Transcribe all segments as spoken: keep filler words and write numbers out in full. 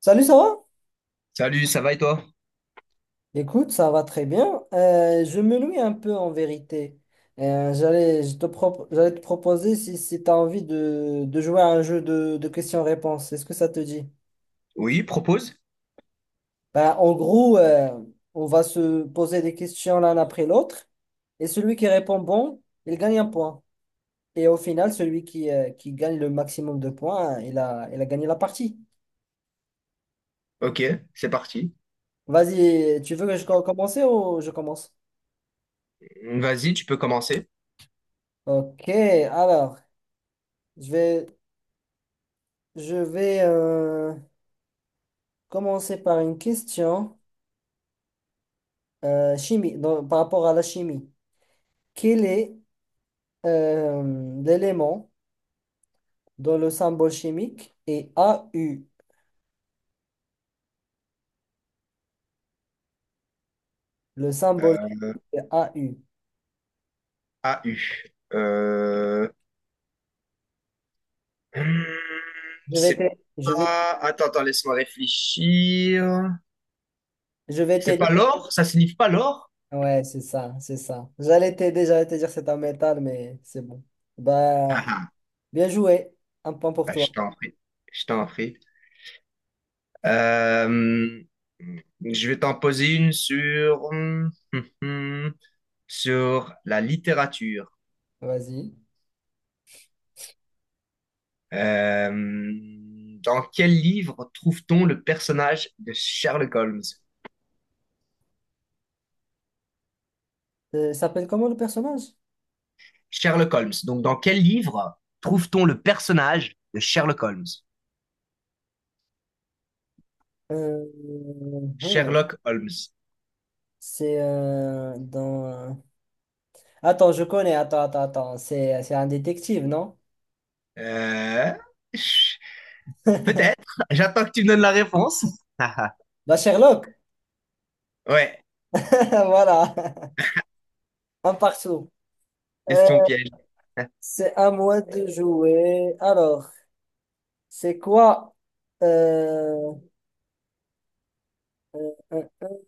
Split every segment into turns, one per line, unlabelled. Salut, ça va?
Salut, ça va et toi?
Écoute, ça va très bien. Euh, je me loue un peu en vérité. Euh, j'allais, je te propo- j'allais te proposer si, si tu as envie de, de jouer à un jeu de, de questions-réponses. Est-ce que ça te dit?
Oui, propose.
Ben, en gros, euh, on va se poser des questions l'un après l'autre. Et celui qui répond bon, il gagne un point. Et au final, celui qui, euh, qui gagne le maximum de points, il a, il a gagné la partie.
Ok, c'est parti.
Vas-y, tu veux que je co- commence ou je commence?
Vas-y, tu peux commencer.
Ok, alors, je vais Je vais euh, commencer par une question euh, chimie, dans- par rapport à la chimie. Quel est euh, l'élément dont le symbole chimique est A U? Le symbole chimique est A U.
A U. Euh... hmm,
Je vais
C'est
t'aider. Je vais,
pas... Attends, attends, laisse-moi réfléchir.
je vais
C'est
t'aider.
pas l'or? Ça signifie pas l'or?
Ouais, c'est ça, c'est ça. J'allais t'aider, j'allais te dire c'est un métal, mais c'est bon.
Ah,
Bah,
ah,
bien joué. Un point pour
bah,
toi.
je t'en prie. Je t'en prie. Euh, Je vais t'en poser une sur... hmm, hmm, hmm, sur la littérature.
Vas-y.
Euh, dans quel livre trouve-t-on le personnage de Sherlock Holmes?
Euh, il s'appelle comment le personnage?
Sherlock Holmes. Donc, dans quel livre trouve-t-on le personnage de Sherlock Holmes?
Euh, hum,
Sherlock Holmes.
c'est euh, dans. Euh, Attends, je connais. Attends, attends, attends. C'est, c'est un détective, non?
Euh, ch- peut-être. J'attends que tu me donnes la réponse.
Bah, Sherlock.
Ouais,
Voilà. Un partout. Euh,
question piège.
c'est à moi de jouer. Alors, c'est quoi? euh, un- un-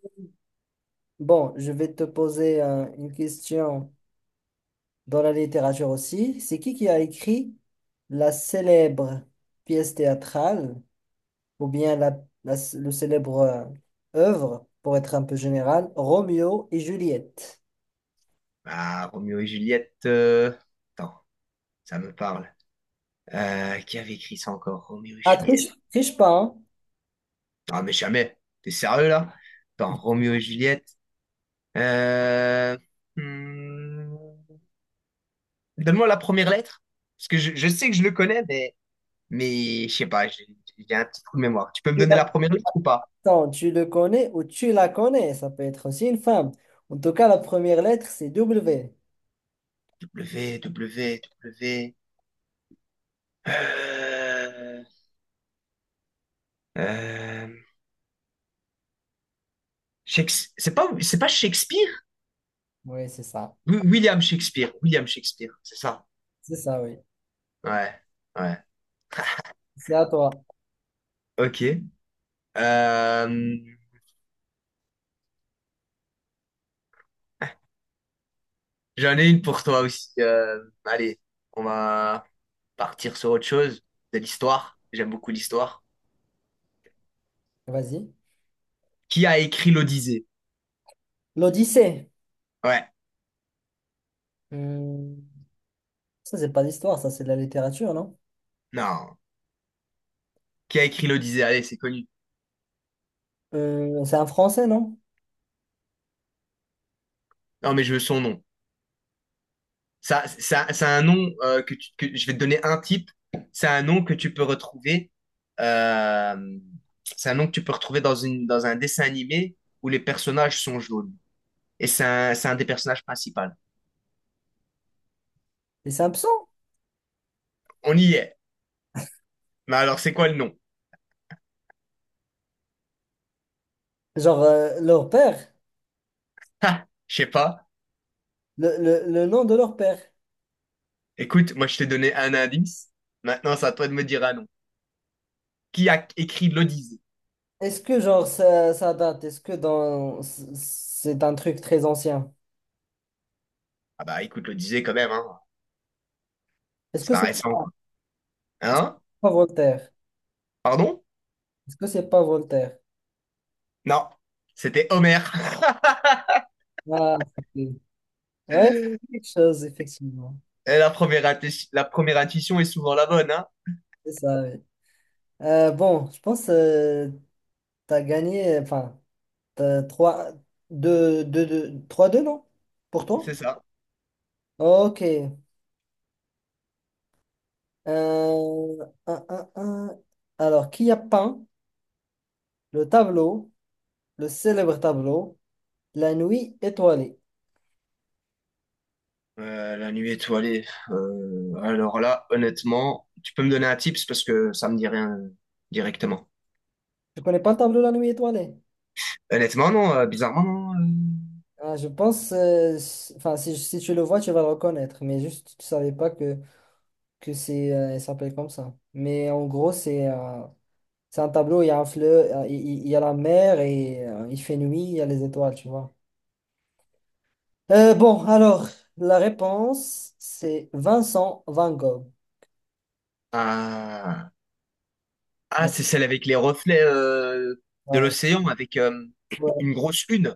Bon, je vais te poser un- une question dans la littérature aussi. C'est qui qui a écrit la célèbre pièce théâtrale ou bien la, la- le célèbre euh, œuvre, pour être un peu général, Roméo et Juliette?
Ah, Roméo et Juliette. euh, Attends, ça me parle. Euh, qui avait écrit ça encore? Roméo et
Ah,
Juliette.
triche, triche pas, hein?
Ah, mais jamais. T'es sérieux là? Attends, Roméo et Juliette. Euh, hmm, donne-moi la première lettre, parce que je, je sais que je le connais, mais, mais je sais pas, j'ai j'ai un petit trou de mémoire. Tu peux me donner la première lettre ou pas?
Attends, tu le connais ou tu la connais, ça peut être aussi une femme. En tout cas, la première lettre, c'est W.
W, W, W. Euh, euh, Shakes- c'est pas, c'est pas Shakespeare?
Oui, c'est ça.
Wi- William Shakespeare, William Shakespeare, c'est ça.
C'est ça, oui.
Ouais, ouais.
C'est à toi.
Ok. Euh, j'en ai une pour toi aussi. Euh, allez, on va partir sur autre chose, de l'histoire. J'aime beaucoup l'histoire.
Vas-y.
Qui a écrit l'Odyssée?
L'Odyssée.
Ouais,
Hmm, Ça, c'est pas l'histoire, ça, c'est de la littérature, non?
non. Qui a écrit l'Odyssée? Allez, c'est connu.
Euh, c'est un français, non?
Non, mais je veux son nom. Ça, ça, c'est un nom euh, que, tu- que je vais te donner un type. C'est un nom que tu peux retrouver. euh, c'est un nom que tu peux retrouver dans une, dans un dessin animé où les personnages sont jaunes. Et c'est un, c'est un des personnages principaux.
Les Simpsons?
On y est. Mais alors, c'est quoi le nom?
Genre, euh, leur père,
Ha, je sais pas.
le, le- le nom de leur père.
Écoute, moi, je t'ai donné un indice. Maintenant, c'est à toi de me dire un nom. Qui a écrit l'Odyssée?
Est-ce que, genre, ça, ça date? Est-ce que dans... c'est un truc très ancien?
Ah bah, écoute, l'Odyssée quand même, hein.
Est-ce
C'est
que
pas
c'est
récent, quoi.
est-ce que
Hein?
c'est pas Voltaire?
Pardon?
Est-ce que c'est pas Voltaire?
Non, c'était Homer.
Ah, ok. Ouais, c'est quelque chose, effectivement.
Et la première, inti, la première intuition est souvent la bonne, hein?
C'est ça, oui. Euh, bon, je pense que tu as gagné, euh, enfin, t'as trois deux deux 2, trois deux, non? Pour toi?
C'est ça.
Ok. Euh, un, un, un. Alors, qui a peint le tableau, le célèbre tableau, La Nuit étoilée?
Euh, la nuit étoilée. euh, alors là, honnêtement, tu peux me donner un tips parce que ça me dit rien directement.
Je connais pas le tableau La Nuit étoilée.
Honnêtement, non, euh, bizarrement, non. euh.
Ah, je pense, euh, si- enfin, si, si tu le vois, tu vas le reconnaître, mais juste, tu savais pas que, que c'est, euh, il s'appelle comme ça. Mais en gros, c'est euh, c'est un tableau, il y a un fleuve, euh, il il- il y a la mer et euh, il fait nuit, il y a les étoiles, tu vois. Euh, bon, alors, la réponse, c'est Vincent Van Gogh.
Ah, ah
Donc,
c'est celle avec les reflets euh, de
euh,
l'océan, avec euh,
ouais,
une grosse lune.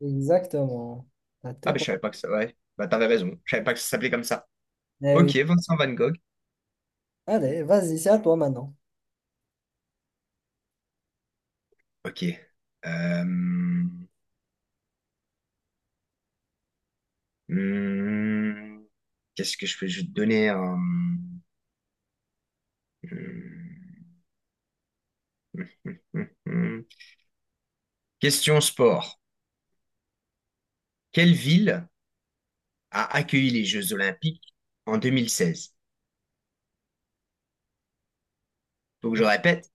exactement. T'as
Ah,
tout
ben je
compris.
savais pas que ça, ouais. Bah, t'avais raison. Je savais pas que ça s'appelait comme ça.
Eh
Ok,
oui.
Vincent Van Gogh.
Allez, vas-y, c'est à toi maintenant.
Ok. Euh, Hum, qu'est-ce que je peux? Je vais te donner un... hum, hum, hum, hum. Question sport. Quelle ville a accueilli les Jeux Olympiques en deux mille seize? Donc je répète,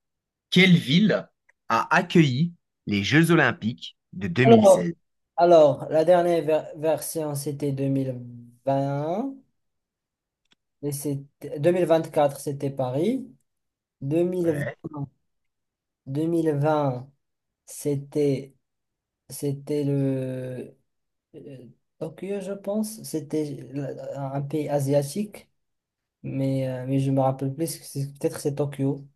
quelle ville a accueilli les Jeux Olympiques de
Alors,
deux mille seize?
alors, la dernière ver- version, c'était deux mille vingt. Et c'était- deux mille vingt quatre, c'était Paris. deux deux mille
Ouais.
vingt, deux mille vingt c'était c'était le Euh, Tokyo, je pense, c'était la- un pays asiatique, mais, euh, mais je me rappelle plus, que c'est- peut-être c'est Tokyo.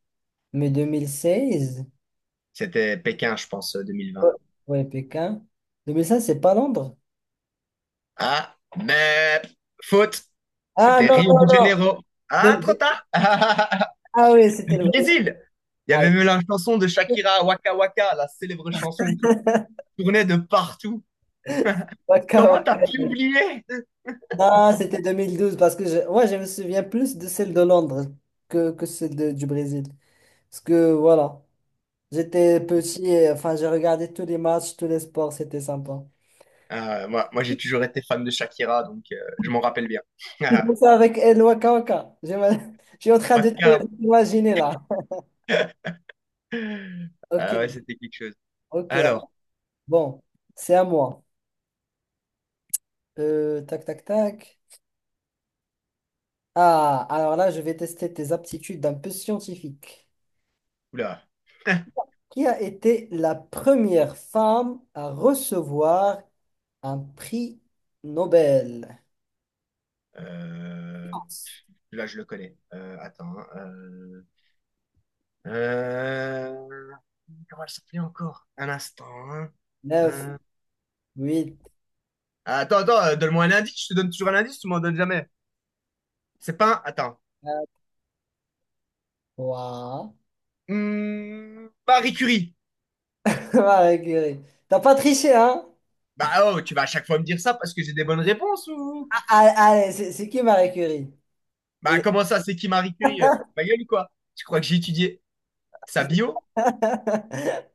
Mais deux mille seize.
C'était Pékin, je pense,
Ouais,
deux mille vingt.
ouais, Pékin. deux mille seize, c'est pas Londres.
Ah, mais faute.
Ah,
C'était
non,
Rio
non,
de
non.
Janeiro.
De-
Ah, trop
de-
tard.
Ah oui, c'était le...
Le Brésil. Il y
Ah,
avait même la chanson de Shakira, Waka Waka, la célèbre chanson qui tournait de partout.
d'accord.
Comment t'as pu oublier?
Ah, c'était deux mille douze parce que je... ouais, je me souviens plus de celle de Londres que, que celle de- du Brésil. Parce que voilà, j'étais petit, et, enfin, j'ai regardé tous les matchs, tous les sports, c'était sympa.
Euh, moi, moi, j'ai toujours été fan de Shakira, donc euh, je m'en rappelle bien.
C'est pour ça avec El Waka Waka. Je, me- je suis en train de te-
Waka.
de t'imaginer là. Ok,
Ah ouais, c'était quelque chose.
ok.
Alors,
Bon, c'est à moi. Euh, tac, tac, tac. Ah, alors là, je vais tester tes aptitudes un peu scientifiques.
oula,
Qui a été la première femme à recevoir un prix Nobel?
euh, là, je le connais. Euh, attends. hein, euh, euh, comment elle s'appelait encore? Un instant. Hein.
Neuf,
Euh,
huit,
attends, attends, euh, donne-moi un indice. Je te donne toujours un indice, tu m'en donnes jamais. C'est pas un... Attends.
trois.
Hmm, Marie Curie.
Marie Curie. T'as pas triché, hein?
Bah oh, tu vas à chaque fois me dire ça parce que j'ai des bonnes réponses ou...
Ah, ah, allez, c'est c'est qui Marie Curie?
Bah
Elle,
comment ça, c'est qui Marie Curie? Euh, Tu te fous de ma gueule ou quoi? Tu crois que j'ai étudié sa bio?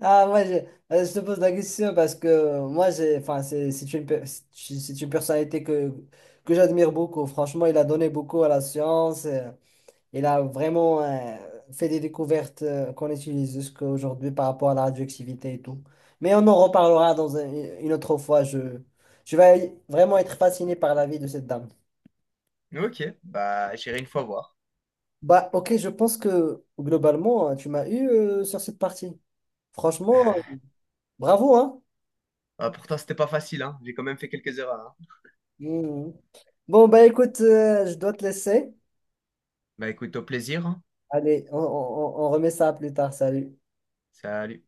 Ah, moi, je, euh, je te pose la question parce que euh, moi, j'ai, enfin, c'est c'est une, pe- c'est c'est une personnalité que, que j'admire beaucoup. Franchement, il a donné beaucoup à la science. Euh, il a vraiment euh, fait des découvertes euh, qu'on utilise jusqu'à aujourd'hui par rapport à la radioactivité et tout. Mais on en reparlera dans un- une autre fois. Je, je vais vraiment être fasciné par la vie de cette dame.
Ok, bah j'irai une fois voir.
Bah, ok, je pense que globalement, hein, tu m'as eu euh, sur cette partie. Franchement, bravo, hein?
Ah, pourtant, c'était pas facile, hein. J'ai quand même fait quelques erreurs. Hein.
Mhm. Bon, bah écoute, euh, je dois te laisser.
Bah écoute, au plaisir. Hein.
Allez, on on- on- on remet ça plus tard. Salut.
Salut.